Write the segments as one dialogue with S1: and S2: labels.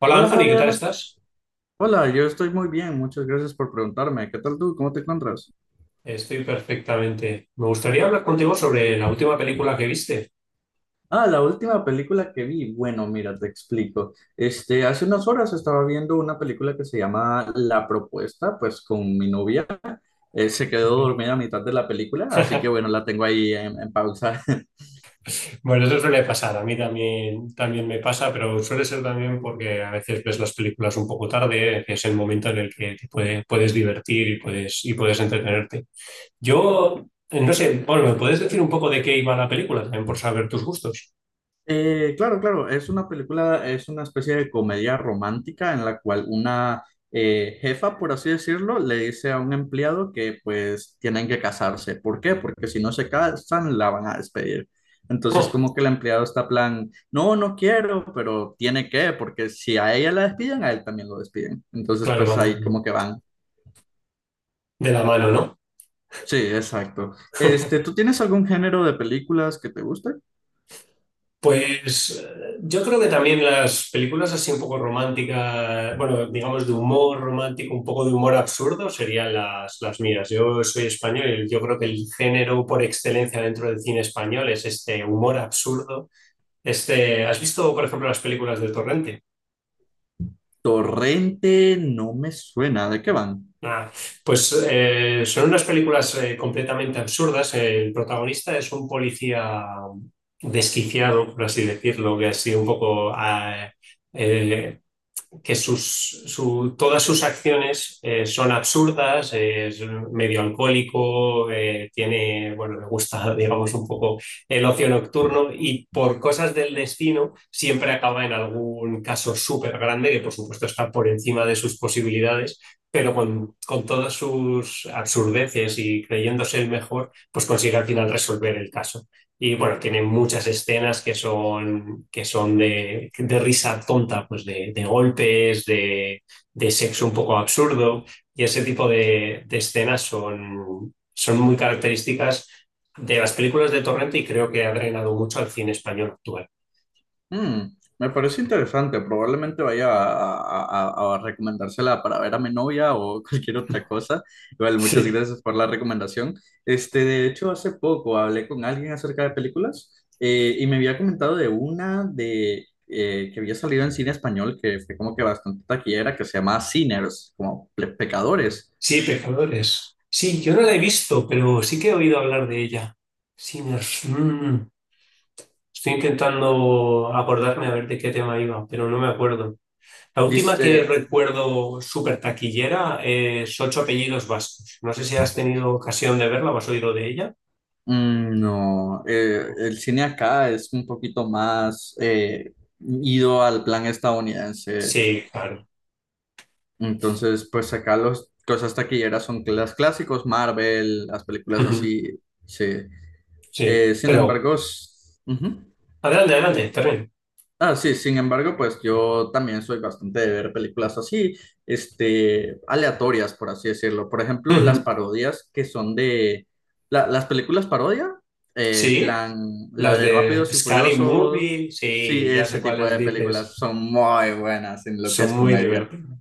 S1: Hola
S2: Hola
S1: Anthony, ¿qué tal
S2: Javier,
S1: estás?
S2: hola, yo estoy muy bien, muchas gracias por preguntarme. ¿Qué tal tú? ¿Cómo te encuentras?
S1: Estoy perfectamente. Me gustaría hablar contigo sobre la última película que viste.
S2: Ah, la última película que vi, bueno, mira, te explico. Este, hace unas horas estaba viendo una película que se llama La Propuesta, pues con mi novia. Se quedó
S1: Bien.
S2: dormida a mitad de la película, así que bueno, la tengo ahí en pausa.
S1: Bueno, eso suele pasar, a mí también, también me pasa, pero suele ser también porque a veces ves las películas un poco tarde, que es el momento en el que puedes divertir y puedes entretenerte. Yo, no sé, bueno, ¿me puedes decir un poco de qué iba la película? También por saber tus gustos.
S2: Claro, claro, es una película, es una especie de comedia romántica en la cual una jefa, por así decirlo, le dice a un empleado que pues tienen que casarse. ¿Por qué? Porque si no se casan, la van a despedir. Entonces
S1: Oh,
S2: como que el empleado está plan, no, no quiero, pero tiene que, porque si a ella la despiden, a él también lo despiden. Entonces
S1: claro,
S2: pues ahí
S1: van
S2: como que van.
S1: de la mano, ¿no?
S2: Sí, exacto. Este, ¿tú tienes algún género de películas que te guste?
S1: Pues yo creo que también las películas así un poco románticas, bueno, digamos de humor romántico, un poco de humor absurdo serían las mías. Yo soy español y yo creo que el género por excelencia dentro del cine español es este humor absurdo. Este, ¿has visto, por ejemplo, las películas de Torrente?
S2: Torrente no me suena, ¿de qué van?
S1: Ah, pues son unas películas completamente absurdas. El protagonista es un policía desquiciado, por así decirlo, que ha sido un poco... eh, que todas sus acciones son absurdas, es medio alcohólico, tiene, bueno, le gusta, digamos, un poco el ocio nocturno y por cosas del destino siempre acaba en algún caso súper grande que, por supuesto, está por encima de sus posibilidades, pero todas sus absurdeces y creyéndose el mejor, pues consigue al final resolver el caso. Y bueno, tiene muchas escenas que que son de risa tonta, pues de golpes, de sexo un poco absurdo. Y ese tipo de escenas son muy características de las películas de Torrente, y creo que ha drenado mucho al cine español actual.
S2: Mm, me parece interesante. Probablemente vaya a recomendársela para ver a mi novia o cualquier otra cosa. Igual,
S1: Sí,
S2: muchas gracias por la recomendación. Este, de hecho, hace poco hablé con alguien acerca de películas y me había comentado de una de que había salido en cine español que fue como que bastante taquillera, que se llama Sinners, como pecadores.
S1: sí, Pecadores. Sí, yo no la he visto, pero sí que he oído hablar de ella. Sí, me- mm, Estoy intentando acordarme a ver de qué tema iba, pero no me acuerdo. La última que
S2: Dice,
S1: recuerdo súper taquillera es Ocho Apellidos Vascos. No sé si has tenido ocasión de verla o has oído de ella.
S2: mm, no, el cine acá es un poquito más ido al plan estadounidense.
S1: Sí, claro.
S2: Entonces, pues acá los cosas taquilleras son los clásicos, Marvel, las películas
S1: Ujú.
S2: así, sí.
S1: Sí,
S2: Sin
S1: pero
S2: embargo, ujú.
S1: adelante, adelante, termino.
S2: Ah, sí, sin embargo, pues yo también soy bastante de ver películas así, este, aleatorias, por así decirlo. Por ejemplo, las
S1: Ujú.
S2: parodias que son de las películas parodia,
S1: Sí,
S2: plan, la
S1: las
S2: de
S1: de
S2: Rápidos y
S1: Scary
S2: Furiosos,
S1: Movie,
S2: sí,
S1: sí, ya
S2: ese
S1: sé
S2: tipo
S1: cuáles
S2: de películas
S1: dices.
S2: son muy buenas en lo que
S1: Son
S2: es
S1: muy
S2: comedia.
S1: divertidas.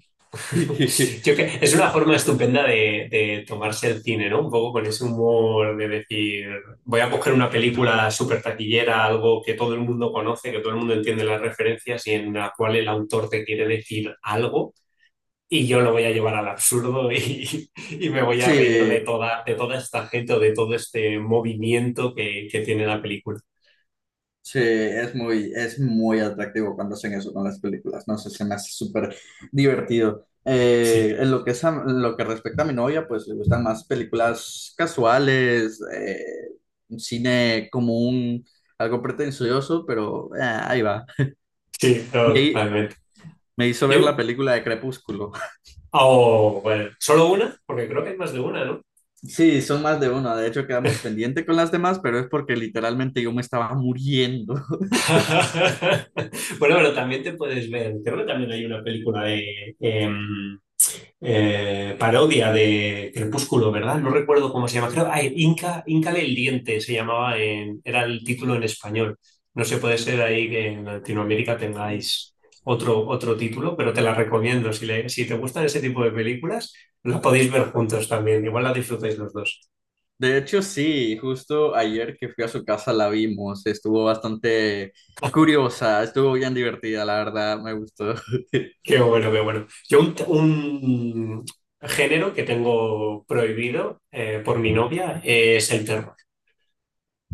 S1: Yo, que es una forma estupenda de tomarse el cine, ¿no? Un poco con ese humor de decir, voy a coger una película súper taquillera, algo que todo el mundo conoce, que todo el mundo entiende las referencias y en la cual el autor te quiere decir algo y yo lo voy a llevar al absurdo y, y me voy a reír
S2: Sí.
S1: de toda esta gente o de todo este movimiento que tiene la película.
S2: Sí, es muy atractivo cuando hacen eso con las películas, no sé, se me hace súper divertido.
S1: Sí,
S2: En lo que es en lo que respecta a mi novia, pues le gustan más películas casuales, cine común, algo pretencioso, pero ahí va.
S1: sí, no,
S2: Me,
S1: totalmente.
S2: me hizo ver la
S1: Yo,
S2: película de Crepúsculo.
S1: oh, bueno, solo una, porque creo que hay más de una, no.
S2: Sí, son más de uno, de hecho quedamos pendiente con las demás, pero es porque literalmente yo me estaba muriendo.
S1: Bueno, pero también te puedes ver, creo que también hay una película de parodia de Crepúsculo, ¿verdad? No recuerdo cómo se llama, creo, Inca, Incale el Diente se llamaba, era el título en español. No sé, puede ser ahí que en Latinoamérica tengáis otro, otro título, pero te la recomiendo. Si, si te gustan ese tipo de películas, la podéis ver juntos también, igual la disfrutáis los dos.
S2: De hecho, sí, justo ayer que fui a su casa la vimos, estuvo bastante curiosa, estuvo bien divertida, la verdad, me gustó.
S1: Qué bueno, qué bueno. Yo un género que tengo prohibido por mi novia es el terror.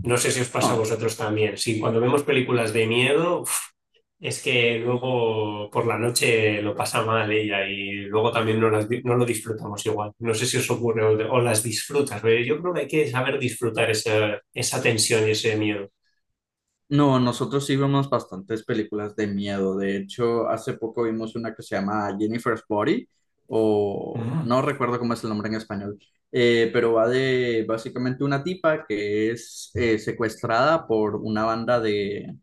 S1: No sé si os pasa a
S2: Ah,
S1: vosotros también. Sí, cuando vemos películas de miedo, uf, es que luego por la noche lo pasa mal ella y luego también no, no lo disfrutamos igual. No sé si os ocurre o las disfrutas, pero yo creo que hay que saber disfrutar esa, esa tensión y ese miedo.
S2: no, nosotros sí vemos bastantes películas de miedo, de hecho, hace poco vimos una que se llama Jennifer's Body, o
S1: Mm.
S2: no recuerdo cómo es el nombre en español, pero va de básicamente una tipa que es secuestrada por una banda de,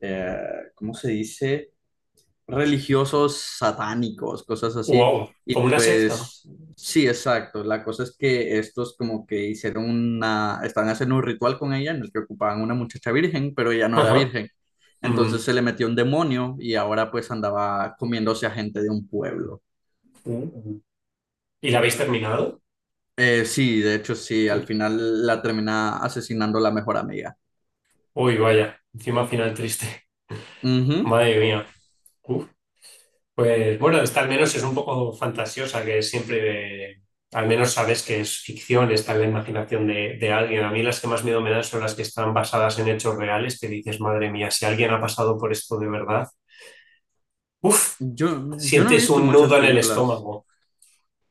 S2: eh, ¿cómo se dice? Religiosos satánicos, cosas así.
S1: Wow, como
S2: Y
S1: una secta.
S2: pues sí, exacto. La cosa es que estos como que hicieron una, estaban haciendo un ritual con ella en el que ocupaban una muchacha virgen, pero ella no era
S1: Ajá.
S2: virgen.
S1: Mm.
S2: Entonces se le metió un demonio y ahora pues andaba comiéndose a gente de un pueblo.
S1: Uh. ¿Y la habéis terminado?
S2: Sí, de hecho sí, al
S1: Sí.
S2: final la termina asesinando la mejor amiga.
S1: Uy, vaya, encima final triste.
S2: Ujú.
S1: Madre mía. Uf. Pues bueno, esta al menos es un poco fantasiosa, que siempre, al menos sabes que es ficción, está en la imaginación de alguien. A mí las que más miedo me dan son las que están basadas en hechos reales, que dices, madre mía, si alguien ha pasado por esto de verdad, uff,
S2: Yo, yo no he
S1: sientes
S2: visto
S1: un
S2: muchas
S1: nudo en el
S2: películas
S1: estómago.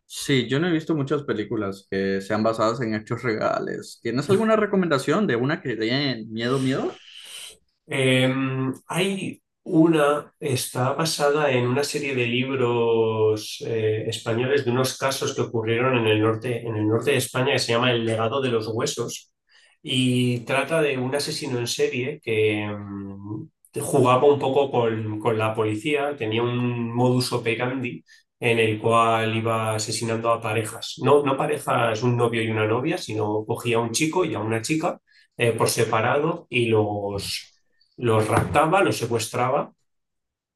S2: Sí, yo no he visto muchas películas que sean basadas en hechos reales. ¿Tienes alguna recomendación de una que dé miedo, miedo?
S1: Eh, Hay una, está basada en una serie de libros españoles, de unos casos que ocurrieron en el norte de España, que se llama El legado de los huesos, y trata de un asesino en serie que jugaba un poco con la policía, tenía un modus operandi en el cual iba asesinando a parejas. No, no parejas, un novio y una novia, sino cogía a un chico y a una chica por separado y los raptaba, los secuestraba.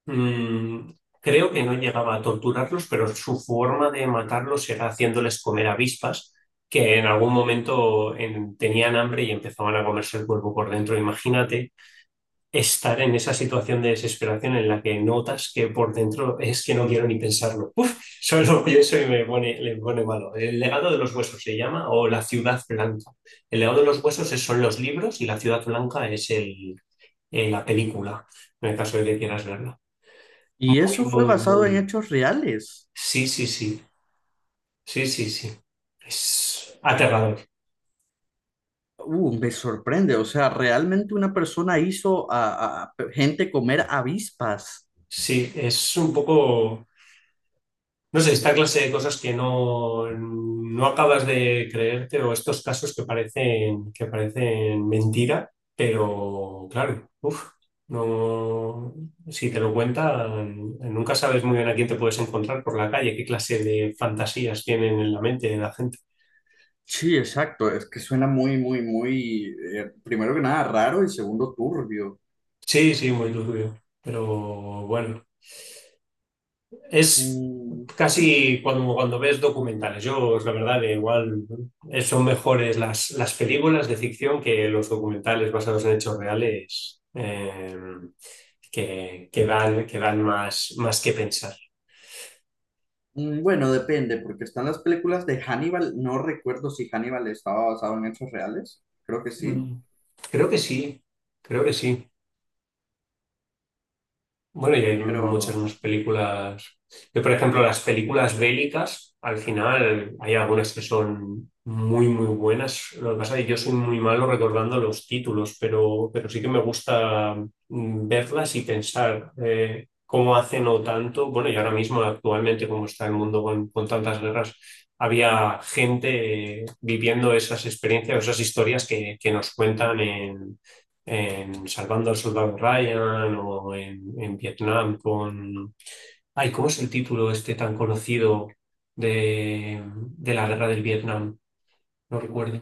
S1: Mm, creo que no llegaba a torturarlos, pero su forma de matarlos era haciéndoles comer avispas que en algún momento tenían hambre y empezaban a comerse el cuerpo por dentro. Imagínate estar en esa situación de desesperación en la que notas que por dentro, es que no quiero ni pensarlo. Uf, solo lo pienso y me pone, le pone malo. El legado de los huesos se llama, o La ciudad blanca. El legado de los huesos son los libros, y La ciudad blanca es el, en la película, en el caso de que quieras verla.
S2: Y
S1: Muy,
S2: eso fue
S1: muy,
S2: basado en
S1: muy.
S2: hechos reales.
S1: Sí, sí, sí. Sí, sí, sí. Es aterrador.
S2: Me sorprende. O sea, realmente una persona hizo a gente comer avispas.
S1: Sí, es un poco, no sé, esta clase de cosas que no, no acabas de creerte, o estos casos que parecen mentira, pero claro, uf, no, si te lo cuentan, nunca sabes muy bien a quién te puedes encontrar por la calle, qué clase de fantasías tienen en la mente de la gente.
S2: Sí, exacto. Es que suena muy, muy, muy, primero que nada, raro y segundo, turbio.
S1: Sí, sí, muy turbio. Pero bueno, es
S2: Mm,
S1: casi cuando, cuando ves documentales. Yo, la verdad, que igual son mejores las películas de ficción que los documentales basados en hechos reales, que dan más, más que pensar.
S2: bueno, depende, porque están las películas de Hannibal. No recuerdo si Hannibal estaba basado en hechos reales. Creo que sí.
S1: Mm. Creo que sí, creo que sí. Bueno, y hay muchas
S2: Pero
S1: más películas. Yo, por ejemplo, las películas bélicas, al final hay algunas que son muy, muy buenas. Lo que pasa es que yo soy muy malo recordando los títulos, pero sí que me gusta verlas y pensar cómo hace no tanto. Bueno, y ahora mismo, actualmente, como está el mundo con tantas guerras, había gente viviendo esas experiencias, esas historias que nos cuentan en Salvando al Soldado Ryan o en Vietnam con... Ay, ¿cómo es el título este tan conocido de la guerra del Vietnam? No recuerdo.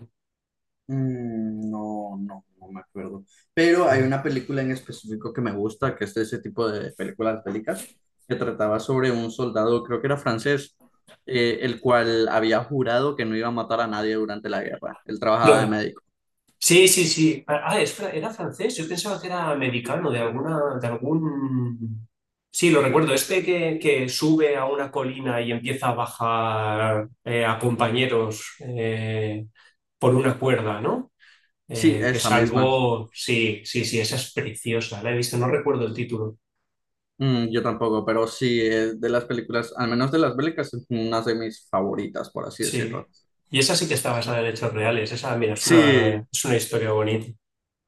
S2: mm, no, no, no me acuerdo. Pero hay
S1: ¿Cuál?
S2: una película en específico que me gusta, que es de ese tipo de películas bélicas, que trataba sobre un soldado, creo que era francés, el cual había jurado que no iba a matar a nadie durante la guerra. Él trabajaba de
S1: Lo-
S2: médico.
S1: sí, sí, sí. Ah, ah, era francés. Yo pensaba que era americano, de alguna, de algún... Sí, lo recuerdo. Este que sube a una colina y empieza a bajar a compañeros por una cuerda, ¿no?
S2: Sí,
S1: Que
S2: esa
S1: es
S2: misma.
S1: algo, sí, sí, sí, esa es preciosa, la he visto, no recuerdo el título,
S2: Mm, yo tampoco, pero sí, es de las películas, al menos de las bélicas, es una de mis favoritas, por así
S1: sí.
S2: decirlo.
S1: Y esa sí que está basada en hechos reales, esa, mira,
S2: Sí,
S1: es una historia bonita.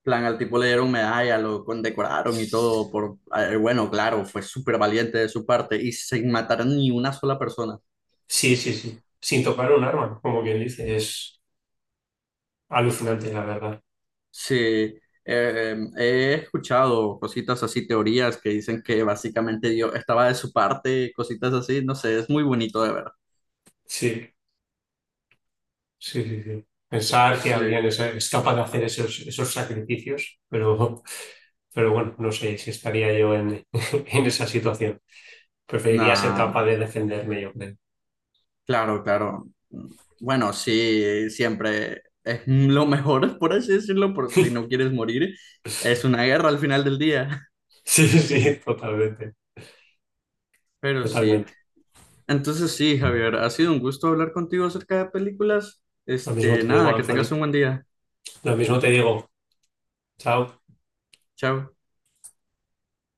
S2: plan, al tipo le dieron medalla, lo condecoraron y todo por, bueno, claro, fue súper valiente de su parte y sin matar a ni una sola persona.
S1: Sí, sí, sí, sin tocar un arma, como quien dice, es alucinante, la verdad.
S2: Sí, he escuchado cositas así, teorías que dicen que básicamente Dios estaba de su parte, cositas así, no sé, es muy bonito de ver.
S1: Sí, sí, sí, sí. Pensar que alguien
S2: Sí,
S1: es capaz de hacer esos, esos sacrificios, pero, pero bueno, no sé si estaría yo en, en esa situación. Preferiría ser
S2: nah,
S1: capaz de defenderme, yo creo.
S2: claro, claro. Bueno, sí, siempre es lo mejor, por así decirlo, por si no quieres morir. Es una guerra al final del día,
S1: Sí, sí, totalmente.
S2: pero sí.
S1: Totalmente.
S2: Entonces sí, Javier, ha sido un gusto hablar contigo acerca de películas.
S1: Lo mismo
S2: Este,
S1: te digo,
S2: nada, que tengas
S1: Anthony.
S2: un buen día.
S1: Lo mismo te digo. Chao.
S2: Chao.